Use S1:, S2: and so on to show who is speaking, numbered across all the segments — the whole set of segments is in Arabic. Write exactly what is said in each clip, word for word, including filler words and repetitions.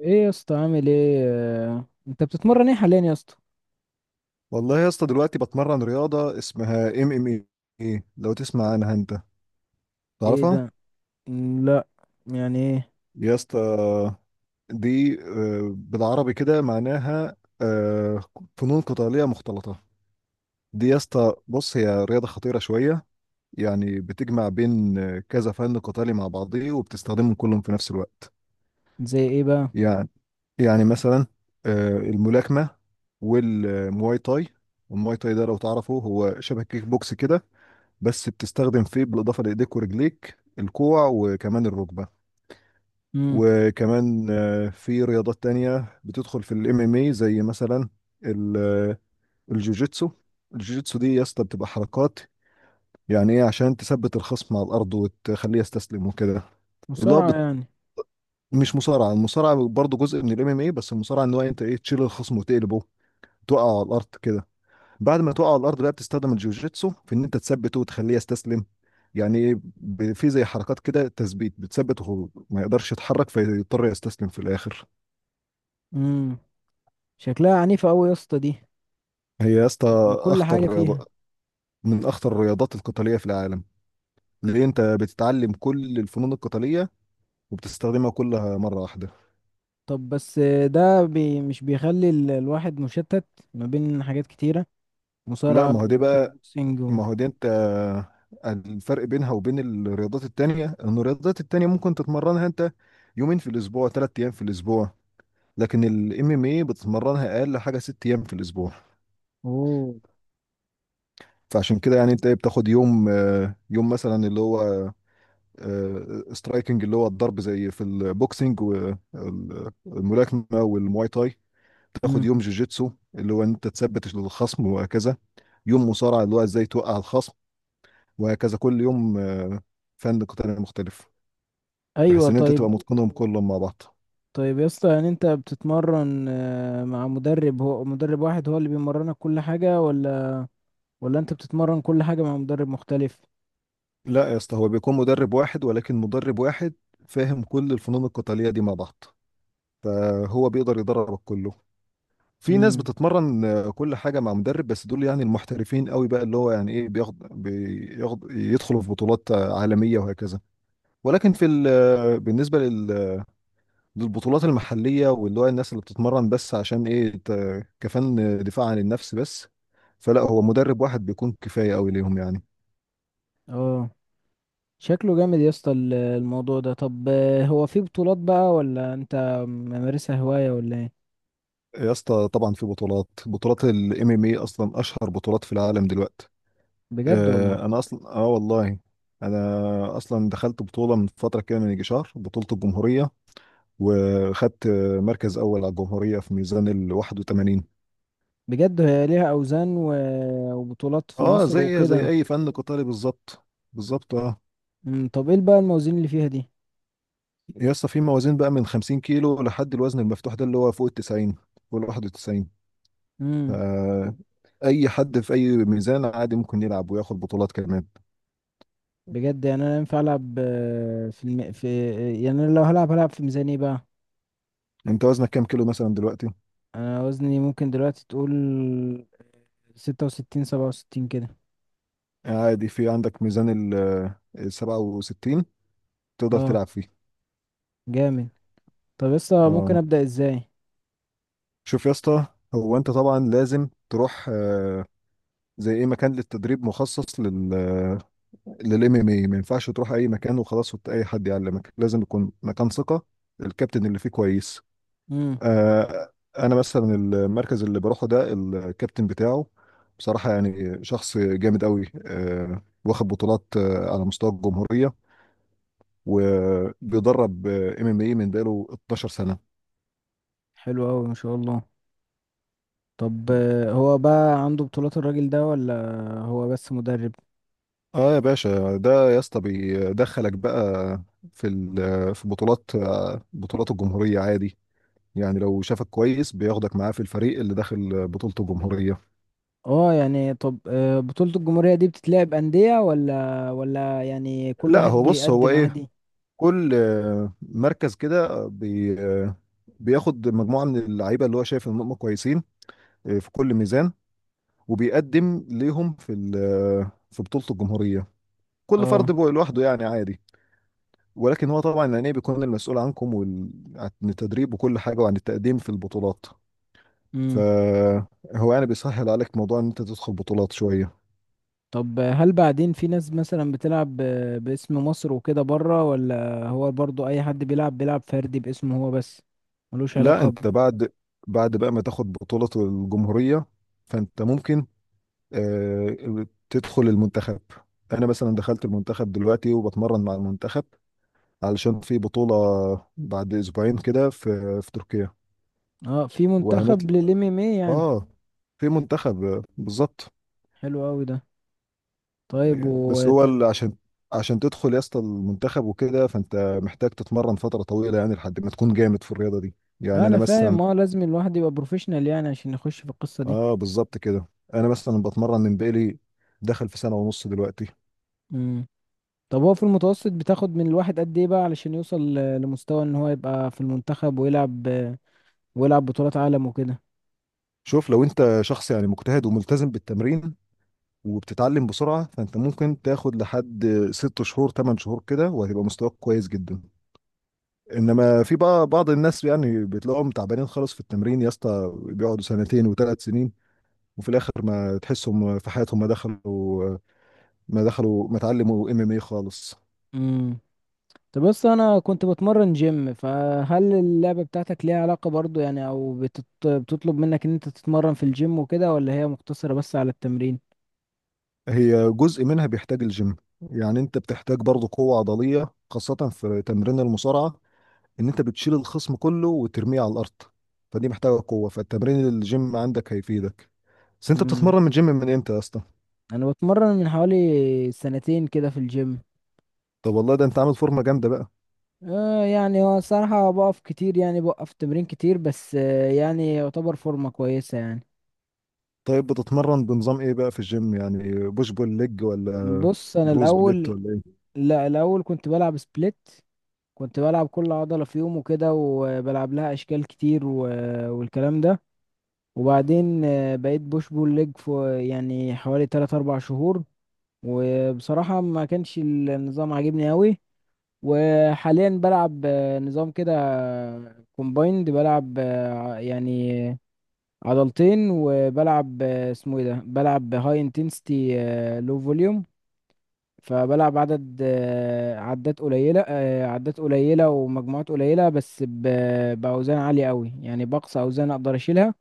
S1: ايه يا اسطى؟ عامل ايه؟ آه، انت بتتمرن ايه حاليا يا اسطى؟
S2: والله يا اسطى دلوقتي بتمرن رياضة اسمها ام ام اي. لو تسمع عنها انت
S1: ايه
S2: تعرفها؟
S1: ده؟ مم، لا. يعني ايه؟
S2: يا اسطى دي آه، بالعربي كده معناها آه، فنون قتالية مختلطة. دي يا اسطى بص هي رياضة خطيرة شوية، يعني بتجمع بين آه، كذا فن قتالي مع بعضيه وبتستخدمهم كلهم في نفس الوقت.
S1: زي ايه بقى؟
S2: يعني يعني مثلا آه، الملاكمة والمواي تاي. المواي تاي ده لو تعرفه هو شبه كيك بوكس كده، بس بتستخدم فيه بالاضافه لايديك ورجليك الكوع وكمان الركبه.
S1: امم
S2: وكمان آه، في رياضات تانية بتدخل في الام ام اي زي مثلا ال- آه، الجوجيتسو. الجوجيتسو دي يا اسطى بتبقى حركات، يعني ايه عشان تثبت الخصم على الارض وتخليه يستسلم وكده. اللي هو
S1: مصارعة
S2: بت...
S1: يعني.
S2: مش مصارعه، المصارعه برضه جزء من الام ام اي، بس المصارعه ان هو انت ايه تشيل الخصم وتقلبه، توقعه على الارض كده. بعد ما تقع على الارض بقى بتستخدم الجوجيتسو في ان انت تثبته وتخليه يستسلم. يعني ايه، ب- في زي حركات كده تثبيت بتثبته وهو ما يقدرش يتحرك فيضطر يستسلم في الاخر.
S1: امم شكلها عنيفة قوي يا اسطى دي،
S2: هي يا اسطى
S1: يعني كل حاجة
S2: اخطر
S1: فيها.
S2: رياضة، من اخطر الرياضات القتاليه في العالم. ليه انت بتتعلم كل الفنون القتاليه وبتستخدمها كلها مره واحده.
S1: طب بس آه، ده بي مش بيخلي ال- الواحد مشتت ما بين حاجات كتيرة،
S2: لا،
S1: مصارعة
S2: ما هو دي
S1: وكيك
S2: بقى
S1: بوكسينج و...
S2: ما هو دي انت، الفرق بينها وبين الرياضات التانية ان الرياضات التانية ممكن تتمرنها انت يومين في الاسبوع، ثلاث ايام في الاسبوع. لكن الام ام اي بتتمرنها اقل حاجه ست ايام في الاسبوع.
S1: اوه.
S2: فعشان كده يعني انت إيه بتاخد يوم آه، يوم مثلا اللي هو سترايكنج اللي هو الضرب زي في البوكسنج والملاكمه والمواي تاي. تاخد
S1: امم.
S2: يوم جوجيتسو اللي هو انت تثبت الخصم وهكذا. يوم مصارعه اللي هو ازاي توقع الخصم وهكذا، كل يوم آه، فن قتالي مختلف،
S1: ايوه،
S2: بحيث ان انت
S1: طيب.
S2: تبقى متقنهم كلهم مع بعض.
S1: طيب يا اسطى، يعني انت بتتمرن آه، مع مدرب، هو مدرب واحد هو اللي بيمرنك كل حاجة، ولا ولا انت بتتمرن كل حاجة مع مدرب مختلف؟
S2: لا يا اسطى، هو بيكون مدرب واحد، ولكن مدرب واحد فاهم كل الفنون القتاليه دي مع بعض، فهو بيقدر يدربك كله. في ناس
S1: امم.
S2: بتتمرن آه، كل حاجة مع مدرب، بس دول يعني المحترفين قوي بقى اللي هو يعني ايه بياخد بياخد يدخلوا في بطولات آه، عالمية وهكذا. ولكن في ال- آه، بالنسبة لل- للبطولات المحلية، واللي هو الناس اللي بتتمرن بس عشان ايه ت- كفن دفاع عن النفس بس، فلا هو مدرب واحد بيكون كفاية قوي ليهم يعني.
S1: اه، شكله جامد يا اسطى ال- الموضوع ده. طب آه، هو في بطولات بقى، ولا انت ممارسها هواية ولا ايه؟
S2: يا اسطى طبعا في بطولات. بطولات الام ام اي اصلا اشهر بطولات في العالم دلوقتي.
S1: بجد والله؟
S2: آه، انا اصلا اه والله، انا اصلا دخلت بطوله من فتره كده، من يجي شهر، بطوله الجمهوريه، وخدت آه، مركز اول على الجمهوريه في ميزان ال واحد وتمانين.
S1: بجد هي ليها اوزان و... وبطولات في
S2: اه،
S1: مصر
S2: زي زي
S1: وكده؟
S2: اي فن قتالي بالظبط. بالظبط اه.
S1: امم. طب ايه بقى الموازين اللي فيها دي؟
S2: يا اسطى في موازين بقى من خمسين كيلو لحد الوزن المفتوح ده اللي هو فوق ال تسعين فوق ال واحد وتسعين.
S1: امم.
S2: فاي حد في اي ميزان عادي ممكن يلعب وياخد بطولات كمان.
S1: بجد؟ يعني انا ينفع العب آه، في الم... في، يعني انا لو هلعب هلعب في ميزان ايه بقى؟
S2: انت وزنك كام كيلو مثلا دلوقتي؟
S1: انا وزني ممكن دلوقتي تقول ستة وستين، سبعة وستين كده.
S2: عادي في عندك ميزان ال آه، ال سبعة وستين، تقدر
S1: اه.
S2: تلعب فيه.
S1: جامد. طب لسه ممكن
S2: اه
S1: ابدا ازاي؟
S2: شوف يا اسطى، هو انت طبعا لازم تروح آه، زي ايه مكان للتدريب مخصص لل للام ام اي. ما ينفعش تروح اي مكان وخلاص وت- اي حد يعلمك، لازم يكون مكان ثقه، الكابتن اللي فيه كويس.
S1: امم.
S2: آه، انا مثلا المركز اللي بروحه ده الكابتن بتاعه بصراحه يعني شخص جامد قوي، آه، واخد بطولات آه، على مستوى الجمهوريه، وبيدرب ام ام اي من بقاله اتناشر سنه.
S1: حلو قوي، ما شاء الله. طب آه، هو بقى عنده بطولات الراجل ده، ولا هو بس مدرب؟
S2: اه يا باشا ده يا اسطى بيدخلك بقى في ال- في بطولات، بطولات الجمهورية عادي، يعني لو شافك كويس بياخدك معاه في الفريق اللي داخل بطولة الجمهورية.
S1: اه، يعني طب آه، بطولة الجمهورية دي بتتلعب أندية ولا ولا يعني كل
S2: لا
S1: واحد
S2: هو بص هو
S1: بيقدم
S2: ايه،
S1: عادي؟
S2: كل آه، مركز كده بي آه، بياخد مجموعة من اللعيبة اللي هو شايف ان هم كويسين آه، في كل ميزان، وبيقدم ليهم في ال- آه، في بطولة الجمهورية، كل فرد
S1: اه.
S2: بقى لوحده يعني عادي. ولكن هو طبعا الأنيب بيكون المسؤول عنكم وال... عن التدريب وكل حاجة وعن التقديم في البطولات.
S1: امم.
S2: فهو يعني بيسهل عليك موضوع إن أنت تدخل بطولات شوية.
S1: طب هل بعدين في ناس مثلا بتلعب آه، باسم مصر وكده بره، ولا هو برضو اي حد بيلعب بيلعب فردي باسمه هو بس، ملوش
S2: لا
S1: علاقة ب...؟
S2: أنت بعد بعد بقى ما تاخد بطولة الجمهورية فأنت ممكن آه، تدخل المنتخب. أنا مثلا دخلت المنتخب دلوقتي وبتمرن مع المنتخب علشان في بطولة بعد أسبوعين كده، في في تركيا،
S1: اه، في منتخب
S2: وهنطلع.
S1: للام ام اي يعني؟
S2: آه في منتخب آه، بالظبط.
S1: حلو قوي ده. طيب و...
S2: بس هو ال- عشان عشان تدخل يا اسطى المنتخب وكده فانت محتاج تتمرن فتره طويله يعني لحد ما تكون جامد في الرياضه دي. يعني
S1: انا
S2: انا مثلا،
S1: فاهم، اه، لازم الواحد يبقى بروفيشنال يعني عشان يخش في القصة دي.
S2: اه بالظبط كده. انا مثلا بتمرن من بقالي، دخل في سنه ونص دلوقتي.
S1: امم. طب هو في المتوسط بتاخد من الواحد قد ايه بقى علشان يوصل ل- لمستوى ان هو يبقى في المنتخب ويلعب، ويلعب بطولات عالم وكده؟
S2: شوف، لو انت شخص يعني مجتهد وملتزم بالتمرين وبتتعلم بسرعه فانت ممكن تاخد لحد ست شهور، تمن شهور كده، وهتبقى مستواك كويس جدا. انما في بقى بعض الناس يعني بتلاقيهم تعبانين خالص في التمرين يا اسطى بيقعدوا سنتين وثلاث سنين وفي الاخر ما تحسهم في حياتهم ما دخلوا، ما دخلوا ما اتعلموا ام ام اي خالص.
S1: امم. طب بس انا كنت بتمرن جيم، فهل اللعبة بتاعتك ليها علاقة برضو يعني، او بتط... بتطلب منك ان انت تتمرن في الجيم وكده، ولا هي مقتصرة بس على التمرين؟
S2: هي جزء منها بيحتاج الجيم، يعني انت بتحتاج برضه قوة عضلية خاصة في تمرين المصارعة، ان انت بتشيل الخصم كله وترميه على الارض، فدي محتاجة قوة، فالتمرين الجيم عندك هيفيدك. بس انت
S1: امم.
S2: بتتمرن من الجيم من امتى يا اسطى؟
S1: انا بتمرن من حوالي سنتين كده في الجيم.
S2: طب والله ده انت عامل فورمة جامدة بقى.
S1: آه يعني هو الصراحة بقف كتير، يعني بوقف تمرين كتير، بس آه يعني يعتبر فورمة كويسة يعني.
S2: طيب بتتمرن بنظام ايه بقى في الجيم يعني، بوش بول ليج ولا
S1: بص أنا
S2: بروز بليت
S1: الأول،
S2: ولا ايه؟
S1: لا الأول كنت بلعب سبليت، كنت بلعب كل عضلة في يوم وكده وبلعب لها أشكال كتير و... والكلام ده. وبعدين آه بقيت بوش بول ليج في يعني حوالي تلات أربع شهور، وبصراحة ما كانش النظام عاجبني أوي. وحاليا بلعب آه، نظام كده كومبايند، بلعب آه، يعني عضلتين، وبلعب آه، اسمه ايه ده، بلعب هاي انتنسيتي لو فوليوم. فبلعب عدد آه، عدات قليلة، آه، عدات قليلة ومجموعات قليلة، بس ب- بأوزان عالية قوي، يعني بقصى أوزان أقدر أشيلها.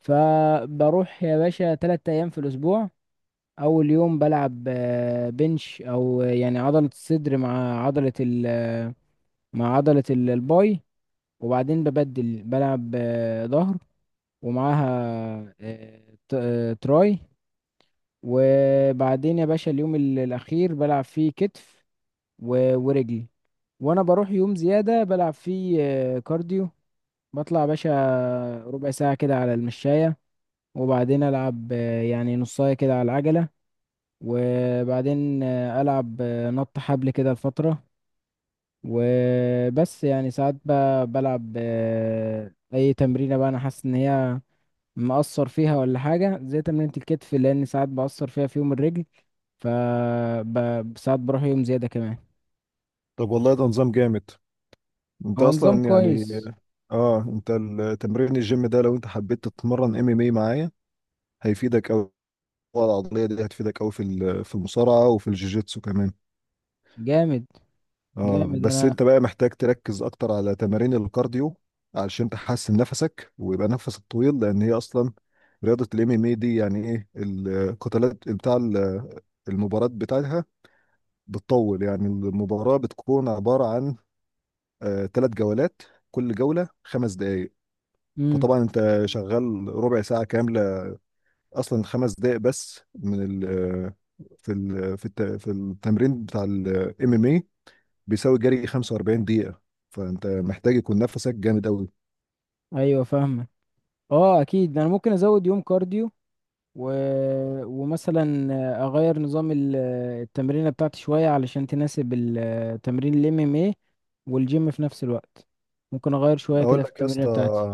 S1: فبروح يا باشا تلات أيام في الأسبوع. أول يوم بلعب آه، بنش، أو آه، يعني عضلة الصدر مع عضلة ال آه، مع عضلة ال- الباي. وبعدين ببدل، بلعب آه، ظهر ومعاها آه، ت- آه، تراي. وبعدين يا باشا اليوم ال- الأخير بلعب فيه كتف و- ورجلي. وأنا بروح يوم زيادة بلعب فيه آه، كارديو، بطلع يا باشا ربع ساعة كده على المشاية، وبعدين ألعب آه، يعني نصاية كده على العجلة، وبعدين آه، ألعب آه، نط حبل كده لفترة. وبس، يعني ساعات ب- بلعب آه، أي تمرينة بقى أنا حاسس إن هي مقصر فيها ولا حاجة، زي تمرينة الكتف لأن ساعات بقصر فيها في يوم الرجل. ف ب- ساعات بروح يوم زيادة كمان.
S2: طب والله ده نظام جامد، انت
S1: هو نظام
S2: اصلا يعني،
S1: كويس.
S2: اه انت التمرين الجيم ده لو انت حبيت تتمرن ام ام اي معايا هيفيدك قوي، العضليه دي هتفيدك قوي في ال- في المصارعه وفي الجوجيتسو كمان.
S1: جامد،
S2: اه
S1: جامد.
S2: بس
S1: أنا
S2: انت بقى محتاج تركز اكتر على تمارين الكارديو علشان تحسن نفسك ويبقى نفسك طويل، لان هي اصلا رياضه الام ام اي دي يعني ايه القتالات بتاع ال- المباراه بتاعتها بتطول، يعني المباراه بتكون عباره عن ثلاث جولات، كل جوله خمس دقائق.
S1: مم.
S2: فطبعا انت شغال ربع ساعه كامله، اصلا خمس دقائق بس من ال في ال في الت- في التمرين بتاع الام ام اي بيساوي جري خمسة وأربعين دقيقه. فانت محتاج يكون نفسك جامد قوي.
S1: أيوة، فاهمة. اه أكيد، أنا ممكن أزود يوم كارديو و... ومثلا أغير نظام ال- التمرينة بتاعتي شوية علشان تناسب ال- تمرين ال إم إم إيه والجيم في نفس الوقت. ممكن أغير شوية
S2: اقول
S1: كده في
S2: لك يا
S1: التمرينة
S2: اسطى
S1: بتاعتي.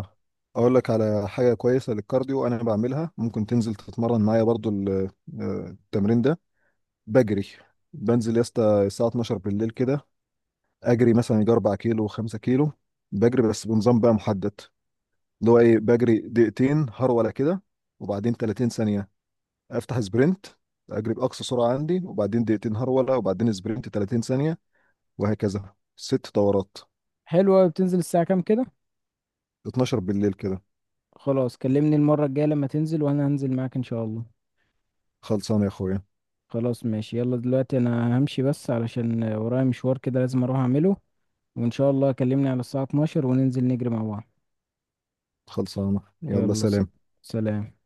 S2: اقول لك على حاجه كويسه للكارديو انا بعملها، ممكن تنزل تتمرن معايا برضو ال- آه، التمرين ده. بجري، بنزل يا اسطى الساعه اتناشر بالليل كده، اجري مثلا يجي 4 كيلو، 5 كيلو، بجري بس بنظام بقى محدد اللي هو ايه، بجري دقيقتين هرولة كده وبعدين تلاتين ثانية افتح سبرنت، اجري باقصى سرعة عندي، وبعدين دقيقتين هرولة وبعدين سبرنت تلاتين ثانية، وهكذا ست دورات.
S1: حلوة، بتنزل الساعة كام كده؟
S2: اتناشر بالليل كده.
S1: خلاص، كلمني المرة الجاية لما تنزل وانا هنزل معاك ان شاء الله.
S2: خلصانة يا اخويا.
S1: خلاص ماشي، يلا دلوقتي انا همشي بس علشان ورايا مشوار كده لازم اروح اعمله، وان شاء الله كلمني على الساعة اتناشر وننزل نجري مع بعض.
S2: خلصانة يلا
S1: يلا، س-
S2: سلام.
S1: سلام.